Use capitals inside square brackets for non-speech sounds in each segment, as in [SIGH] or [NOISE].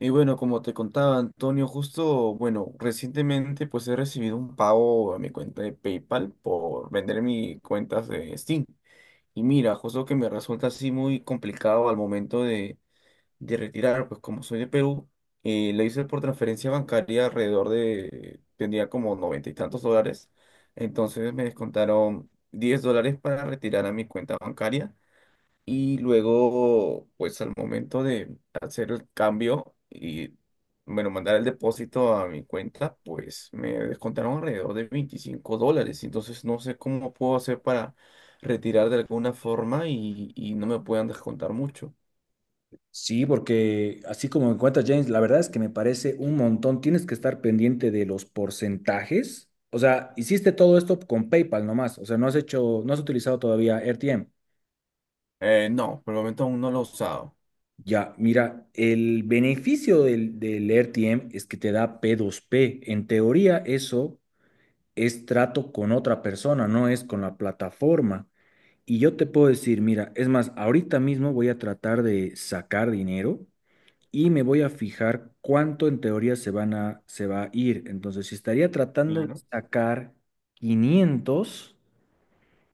Y bueno, como te contaba Antonio, justo, bueno, recientemente pues he recibido un pago a mi cuenta de PayPal por vender mis cuentas de Steam. Y mira, justo que me resulta así muy complicado al momento de retirar, pues como soy de Perú, lo hice por transferencia bancaria alrededor de, tenía como noventa y tantos dólares. Entonces me descontaron $10 para retirar a mi cuenta bancaria y luego, pues al momento de hacer el cambio y, bueno, mandar el depósito a mi cuenta, pues me descontaron alrededor de $25. Entonces no sé cómo puedo hacer para retirar de alguna forma y no me puedan descontar mucho. Sí, porque así como me cuenta James, la verdad es que me parece un montón. Tienes que estar pendiente de los porcentajes. O sea, hiciste todo esto con PayPal nomás. O sea, no has hecho, no has utilizado todavía RTM. No, por el momento aún no lo he usado. Ya, mira, el beneficio del RTM es que te da p dos p. En teoría, eso es trato con otra persona, no es con la plataforma. Y yo te puedo decir, mira, es más, ahorita mismo voy a tratar de sacar dinero. Y me voy a fijar cuánto en teoría se va a ir. Entonces, si estaría tratando de Claro. sacar 500,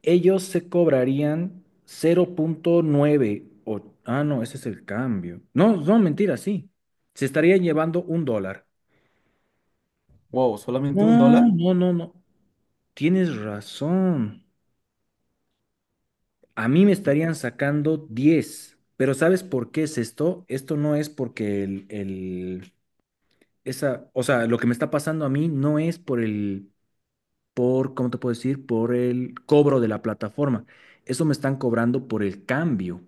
ellos se cobrarían 0.9 o, ah, no, ese es el cambio. No, no, mentira, sí. Se estarían llevando un dólar. Wow, ¿solamente No, $1? no, no, no. Tienes razón. A mí me estarían sacando 10. Pero ¿sabes por qué es esto? Esto no es porque esa, o sea, lo que me está pasando a mí no es por el, por, ¿cómo te puedo decir? Por el cobro de la plataforma. Eso me están cobrando por el cambio.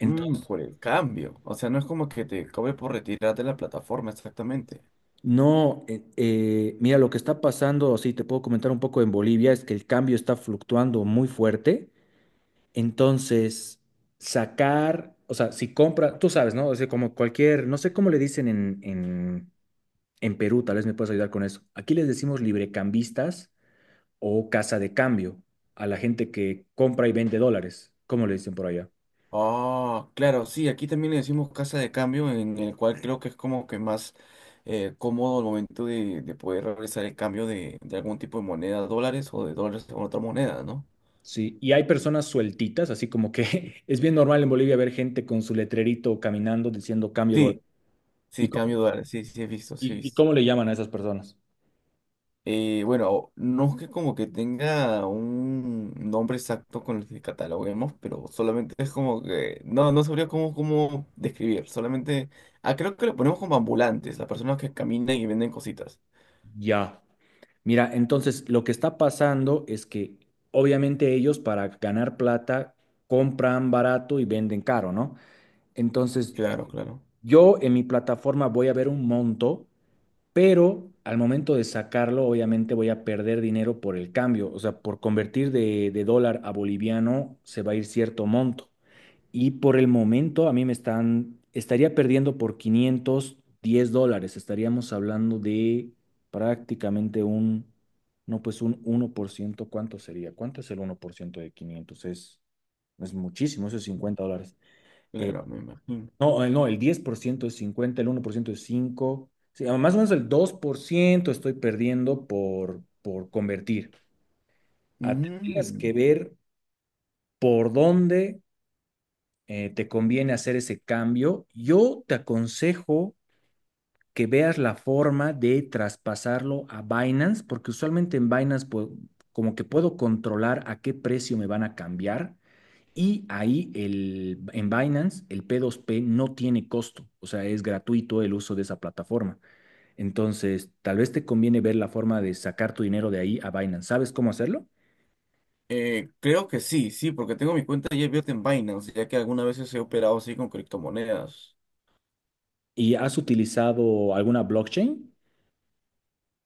Por el cambio. O sea, no es como que te cobre por retirar de la plataforma exactamente. no, mira, lo que está pasando, sí, te puedo comentar un poco, en Bolivia es que el cambio está fluctuando muy fuerte. Entonces, sacar, o sea, si compra, tú sabes, ¿no? O sea, como cualquier, no sé cómo le dicen en Perú, tal vez me puedes ayudar con eso. Aquí les decimos librecambistas o casa de cambio a la gente que compra y vende dólares. ¿Cómo le dicen por allá? Ah, claro, sí, aquí también le decimos casa de cambio, en el cual creo que es como que más cómodo el momento de poder realizar el cambio de algún tipo de moneda, dólares o de dólares con otra moneda, ¿no? Sí, y hay personas sueltitas, así como que [LAUGHS] es bien normal en Bolivia ver gente con su letrerito caminando diciendo cambio dólar. Sí, ¿Y sí, cómo, cambio de dólares, sí, sí he visto, sí he ¿y, y visto. cómo le llaman a esas personas? Bueno, no es que como que tenga un nombre exacto con el que cataloguemos, pero solamente es como que no, no sabría cómo describir, solamente, ah, creo que lo ponemos como ambulantes, las personas que caminan y venden cositas. Ya. Mira, entonces lo que está pasando es que obviamente ellos para ganar plata compran barato y venden caro, ¿no? Entonces Claro, claro. yo en mi plataforma voy a ver un monto, pero al momento de sacarlo, obviamente voy a perder dinero por el cambio, o sea, por convertir de dólar a boliviano se va a ir cierto monto. Y por el momento a mí estaría perdiendo por 510 dólares, estaríamos hablando de prácticamente un, no, pues un 1%. ¿Cuánto sería? ¿Cuánto es el 1% de 500? Es muchísimo, eso es 50 dólares. Eh, Claro, me imagino. No, el 10% es 50, el 1% es 5. Sí, ah, más o menos el 2% estoy perdiendo por convertir. Ah, tendrías que Mm. ver por dónde te conviene hacer ese cambio. Yo te aconsejo que veas la forma de traspasarlo a Binance, porque usualmente en Binance, pues, como que puedo controlar a qué precio me van a cambiar. Y ahí el, en Binance el P2P no tiene costo, o sea, es gratuito el uso de esa plataforma. Entonces, tal vez te conviene ver la forma de sacar tu dinero de ahí a Binance. ¿Sabes cómo hacerlo? Creo que sí, sí, porque tengo mi cuenta ya abierta en Binance, ya que algunas veces he operado así con criptomonedas. ¿Y has utilizado alguna blockchain?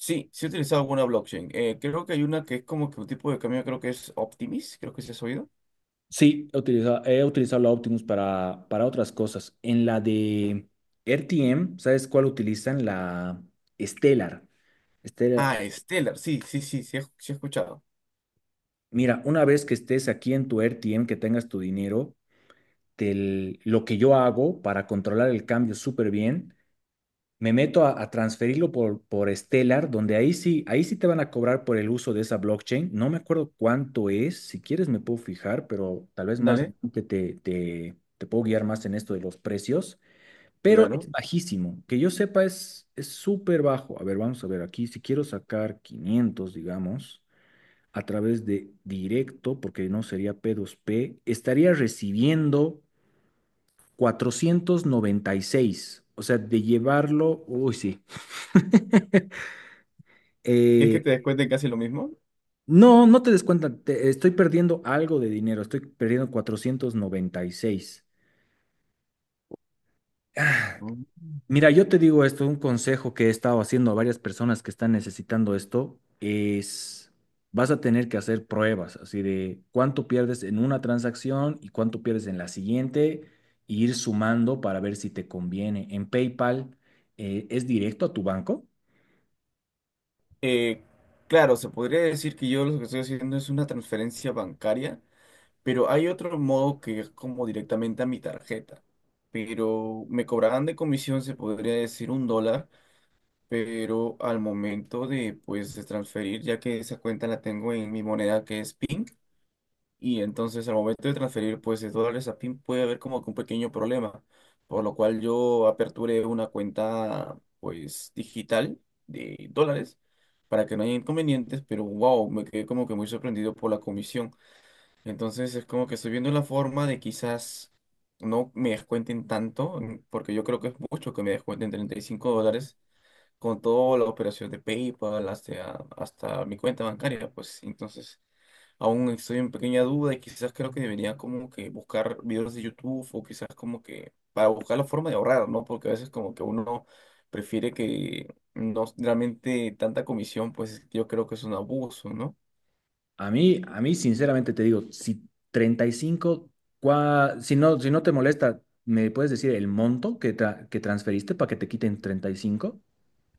Sí, sí he utilizado alguna blockchain. Creo que hay una que es como que un tipo de cambio, creo que es Optimis, creo que se has oído. Sí, he utilizado la Optimus para otras cosas. En la de RTM, ¿sabes cuál utilizan? La Stellar. Stellar. Ah, Stellar, sí, sí, sí, sí he escuchado. Mira, una vez que estés aquí en tu RTM, que tengas tu dinero. Del- lo que yo hago para controlar el cambio súper bien. Me meto a transferirlo por Stellar, donde ahí sí te van a cobrar por el uso de esa blockchain. No me acuerdo cuánto es, si quieres me puedo fijar, pero tal vez más Dale, adelante te puedo guiar más en esto de los precios. Pero es claro. bajísimo, que yo sepa es súper bajo. A ver, vamos a ver aquí, si quiero sacar 500 digamos a través de directo, porque no sería P2P, estaría recibiendo cuatrocientos noventa y seis. O sea, de llevarlo, uy, sí. [LAUGHS] ¿Y es Eh, que te descuenten casi lo mismo? no, no te des cuenta, te- estoy perdiendo algo de dinero, estoy perdiendo 496. Ah, Mm. mira, yo te digo esto, un consejo que he estado haciendo a varias personas que están necesitando esto es, vas a tener que hacer pruebas, así de cuánto pierdes en una transacción y cuánto pierdes en la siguiente, e ir sumando para ver si te conviene. En PayPal, ¿es directo a tu banco? Eh, claro, se podría decir que yo lo que estoy haciendo es una transferencia bancaria. Pero hay otro modo que es como directamente a mi tarjeta. Pero me cobraban de comisión, se podría decir, $1, pero al momento de pues de transferir, ya que esa cuenta la tengo en mi moneda que es PIN, y entonces al momento de transferir pues de dólares a PIN puede haber como que un pequeño problema, por lo cual yo aperturé una cuenta pues digital de dólares para que no haya inconvenientes, pero wow, me quedé como que muy sorprendido por la comisión. Entonces es como que estoy viendo la forma de quizás no me descuenten tanto, porque yo creo que es mucho que me descuenten $35 con toda la operación de PayPal hasta mi cuenta bancaria. Pues entonces aún estoy en pequeña duda y quizás creo que debería como que buscar videos de YouTube o quizás como que para buscar la forma de ahorrar, ¿no? Porque a veces como que uno prefiere que no realmente tanta comisión, pues yo creo que es un abuso, ¿no? A mí, sinceramente te digo, si 35, cua- si no, si no te molesta, ¿me puedes decir el monto que, tra- que transferiste para que te quiten 35?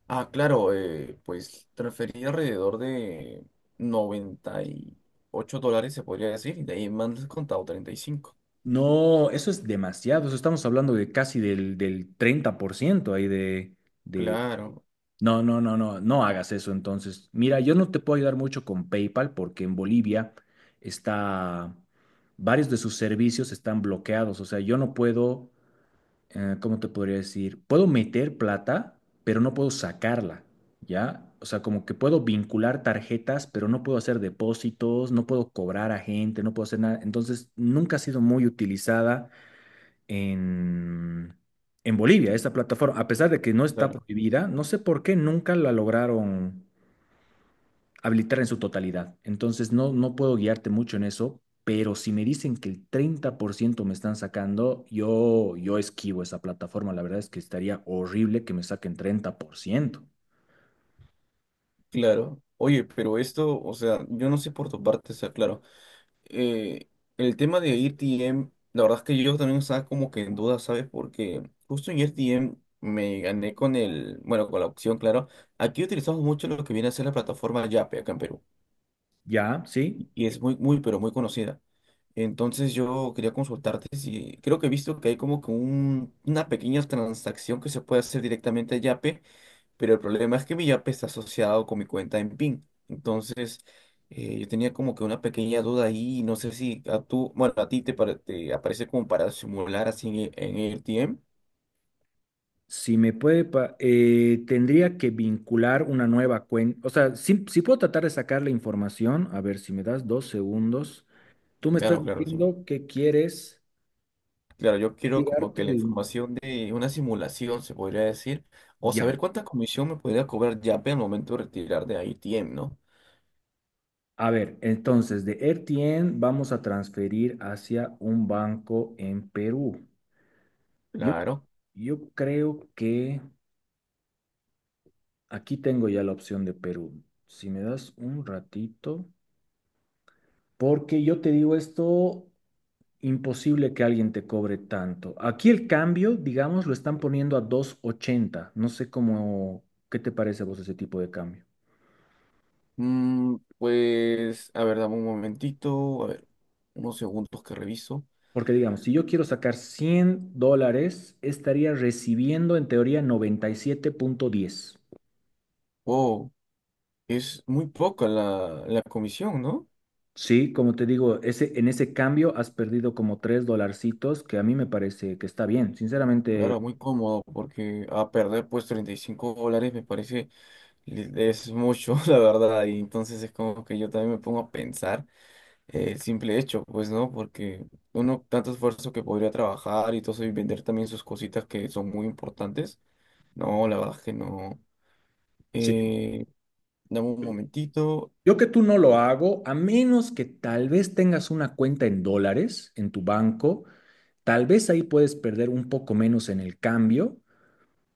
Ah, claro, pues transferí alrededor de $98, se podría decir, y de ahí me han descontado 35. No, eso es demasiado. Eso estamos hablando de casi del 30% ahí de... Claro, No, no, no, no, no hagas eso entonces. Mira, yo no te puedo ayudar mucho con PayPal porque en Bolivia está... Varios de sus servicios están bloqueados. O sea, yo no puedo ¿cómo te podría decir? Puedo meter plata, pero no puedo sacarla, ¿ya? O sea, como que puedo vincular tarjetas, pero no puedo hacer depósitos, no puedo cobrar a gente, no puedo hacer nada. Entonces, nunca ha sido muy utilizada en, en Bolivia esta plataforma, a pesar de que no está claro, prohibida, no sé por qué nunca la lograron habilitar en su totalidad. Entonces, no, no puedo guiarte mucho en eso, pero si me dicen que el 30% me están sacando, yo esquivo esa plataforma. La verdad es que estaría horrible que me saquen 30%. claro. Oye, pero esto, o sea, yo no sé por tu parte, o sea, claro. eh, el tema de AirTM, la verdad es que yo también estaba como que en duda, ¿sabes? Porque justo en AirTM me gané con el, bueno, con la opción, claro. Aquí utilizamos mucho lo que viene a ser la plataforma Yape acá en Perú. Ya, sí. Y es muy, muy, pero muy conocida. Entonces yo quería consultarte si creo que he visto que hay como que una pequeña transacción que se puede hacer directamente a Yape, pero el problema es que mi Yape está asociado con mi cuenta en PIN. Entonces yo tenía como que una pequeña duda ahí, y no sé si bueno, a ti te aparece como para simular así en, A R T M. Si me puede, pa- tendría que vincular una nueva cuenta. O sea, si, si puedo tratar de sacar la información, a ver si me das 2 segundos. Tú me estás Claro, claro, sí. diciendo que quieres Claro, yo quiero tirar como tu que la dinero. información de una simulación, se podría decir, o Ya. saber cuánta comisión me podría cobrar Yape al momento de retirar de I T M, ¿no? A ver, entonces de RTN vamos a transferir hacia un banco en Perú. Yo, Claro. yo creo que aquí tengo ya la opción de Perú. Si me das un ratito, porque yo te digo esto, imposible que alguien te cobre tanto. Aquí el cambio, digamos, lo están poniendo a 2.80. No sé cómo, ¿qué te parece a vos ese tipo de cambio? Mm, pues, a ver, dame un momentito, a ver, unos segundos que reviso. Porque digamos, si yo quiero sacar $100, estaría recibiendo en teoría 97.10. Wow, es muy poca la, la comisión, ¿no? Sí, como te digo, ese, en ese cambio has perdido como 3 dolarcitos, que a mí me parece que está bien. Sinceramente, Claro, muy cómodo, porque a perder pues $35 me parece, es mucho, [LAUGHS] la verdad, y entonces es como que yo también me pongo a pensar. El simple hecho, pues, ¿no? Porque uno, tanto esfuerzo que podría trabajar y todo eso y vender también sus cositas que son muy importantes. No, la verdad es que no. sí, Eh, Dame un momentito. yo que tú no lo hago, a menos que tal vez tengas una cuenta en dólares en tu banco, tal vez ahí puedes perder un poco menos en el cambio,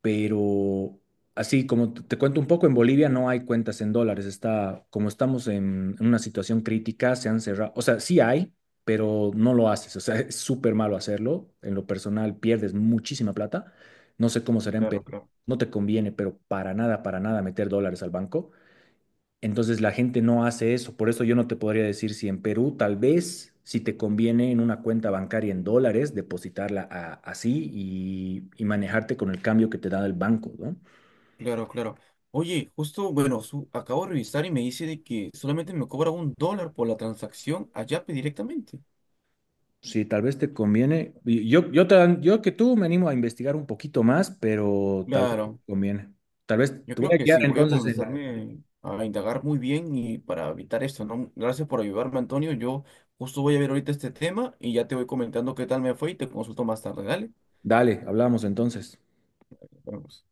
pero así como te cuento un poco, en Bolivia no hay cuentas en dólares, está, como estamos en una situación crítica, se han cerrado, o sea, sí hay, pero no lo haces, o sea, [LAUGHS] es súper malo hacerlo, en lo personal pierdes muchísima plata, no sé cómo será en Claro, Perú, claro. no te conviene, pero para nada meter dólares al banco. Entonces la gente no hace eso. Por eso yo no te podría decir si en Perú tal vez si te conviene en una cuenta bancaria en dólares depositarla a- así y manejarte con el cambio que te da el banco, ¿no? Claro, claro. Oye, justo, bueno, acabo de revisar y me dice de que solamente me cobra $1 por la transacción a Yape directamente. Sí, tal vez te conviene. Y yo que tú me animo a investigar un poquito más, pero tal vez te Claro. conviene. Tal vez Yo te voy creo a que guiar sí, voy a entonces en la... comenzarme a indagar muy bien y para evitar esto, ¿no? Gracias por ayudarme, Antonio. Yo justo voy a ver ahorita este tema y ya te voy comentando qué tal me fue y te consulto más tarde, ¿dale? Dale, hablamos entonces. Nos vemos.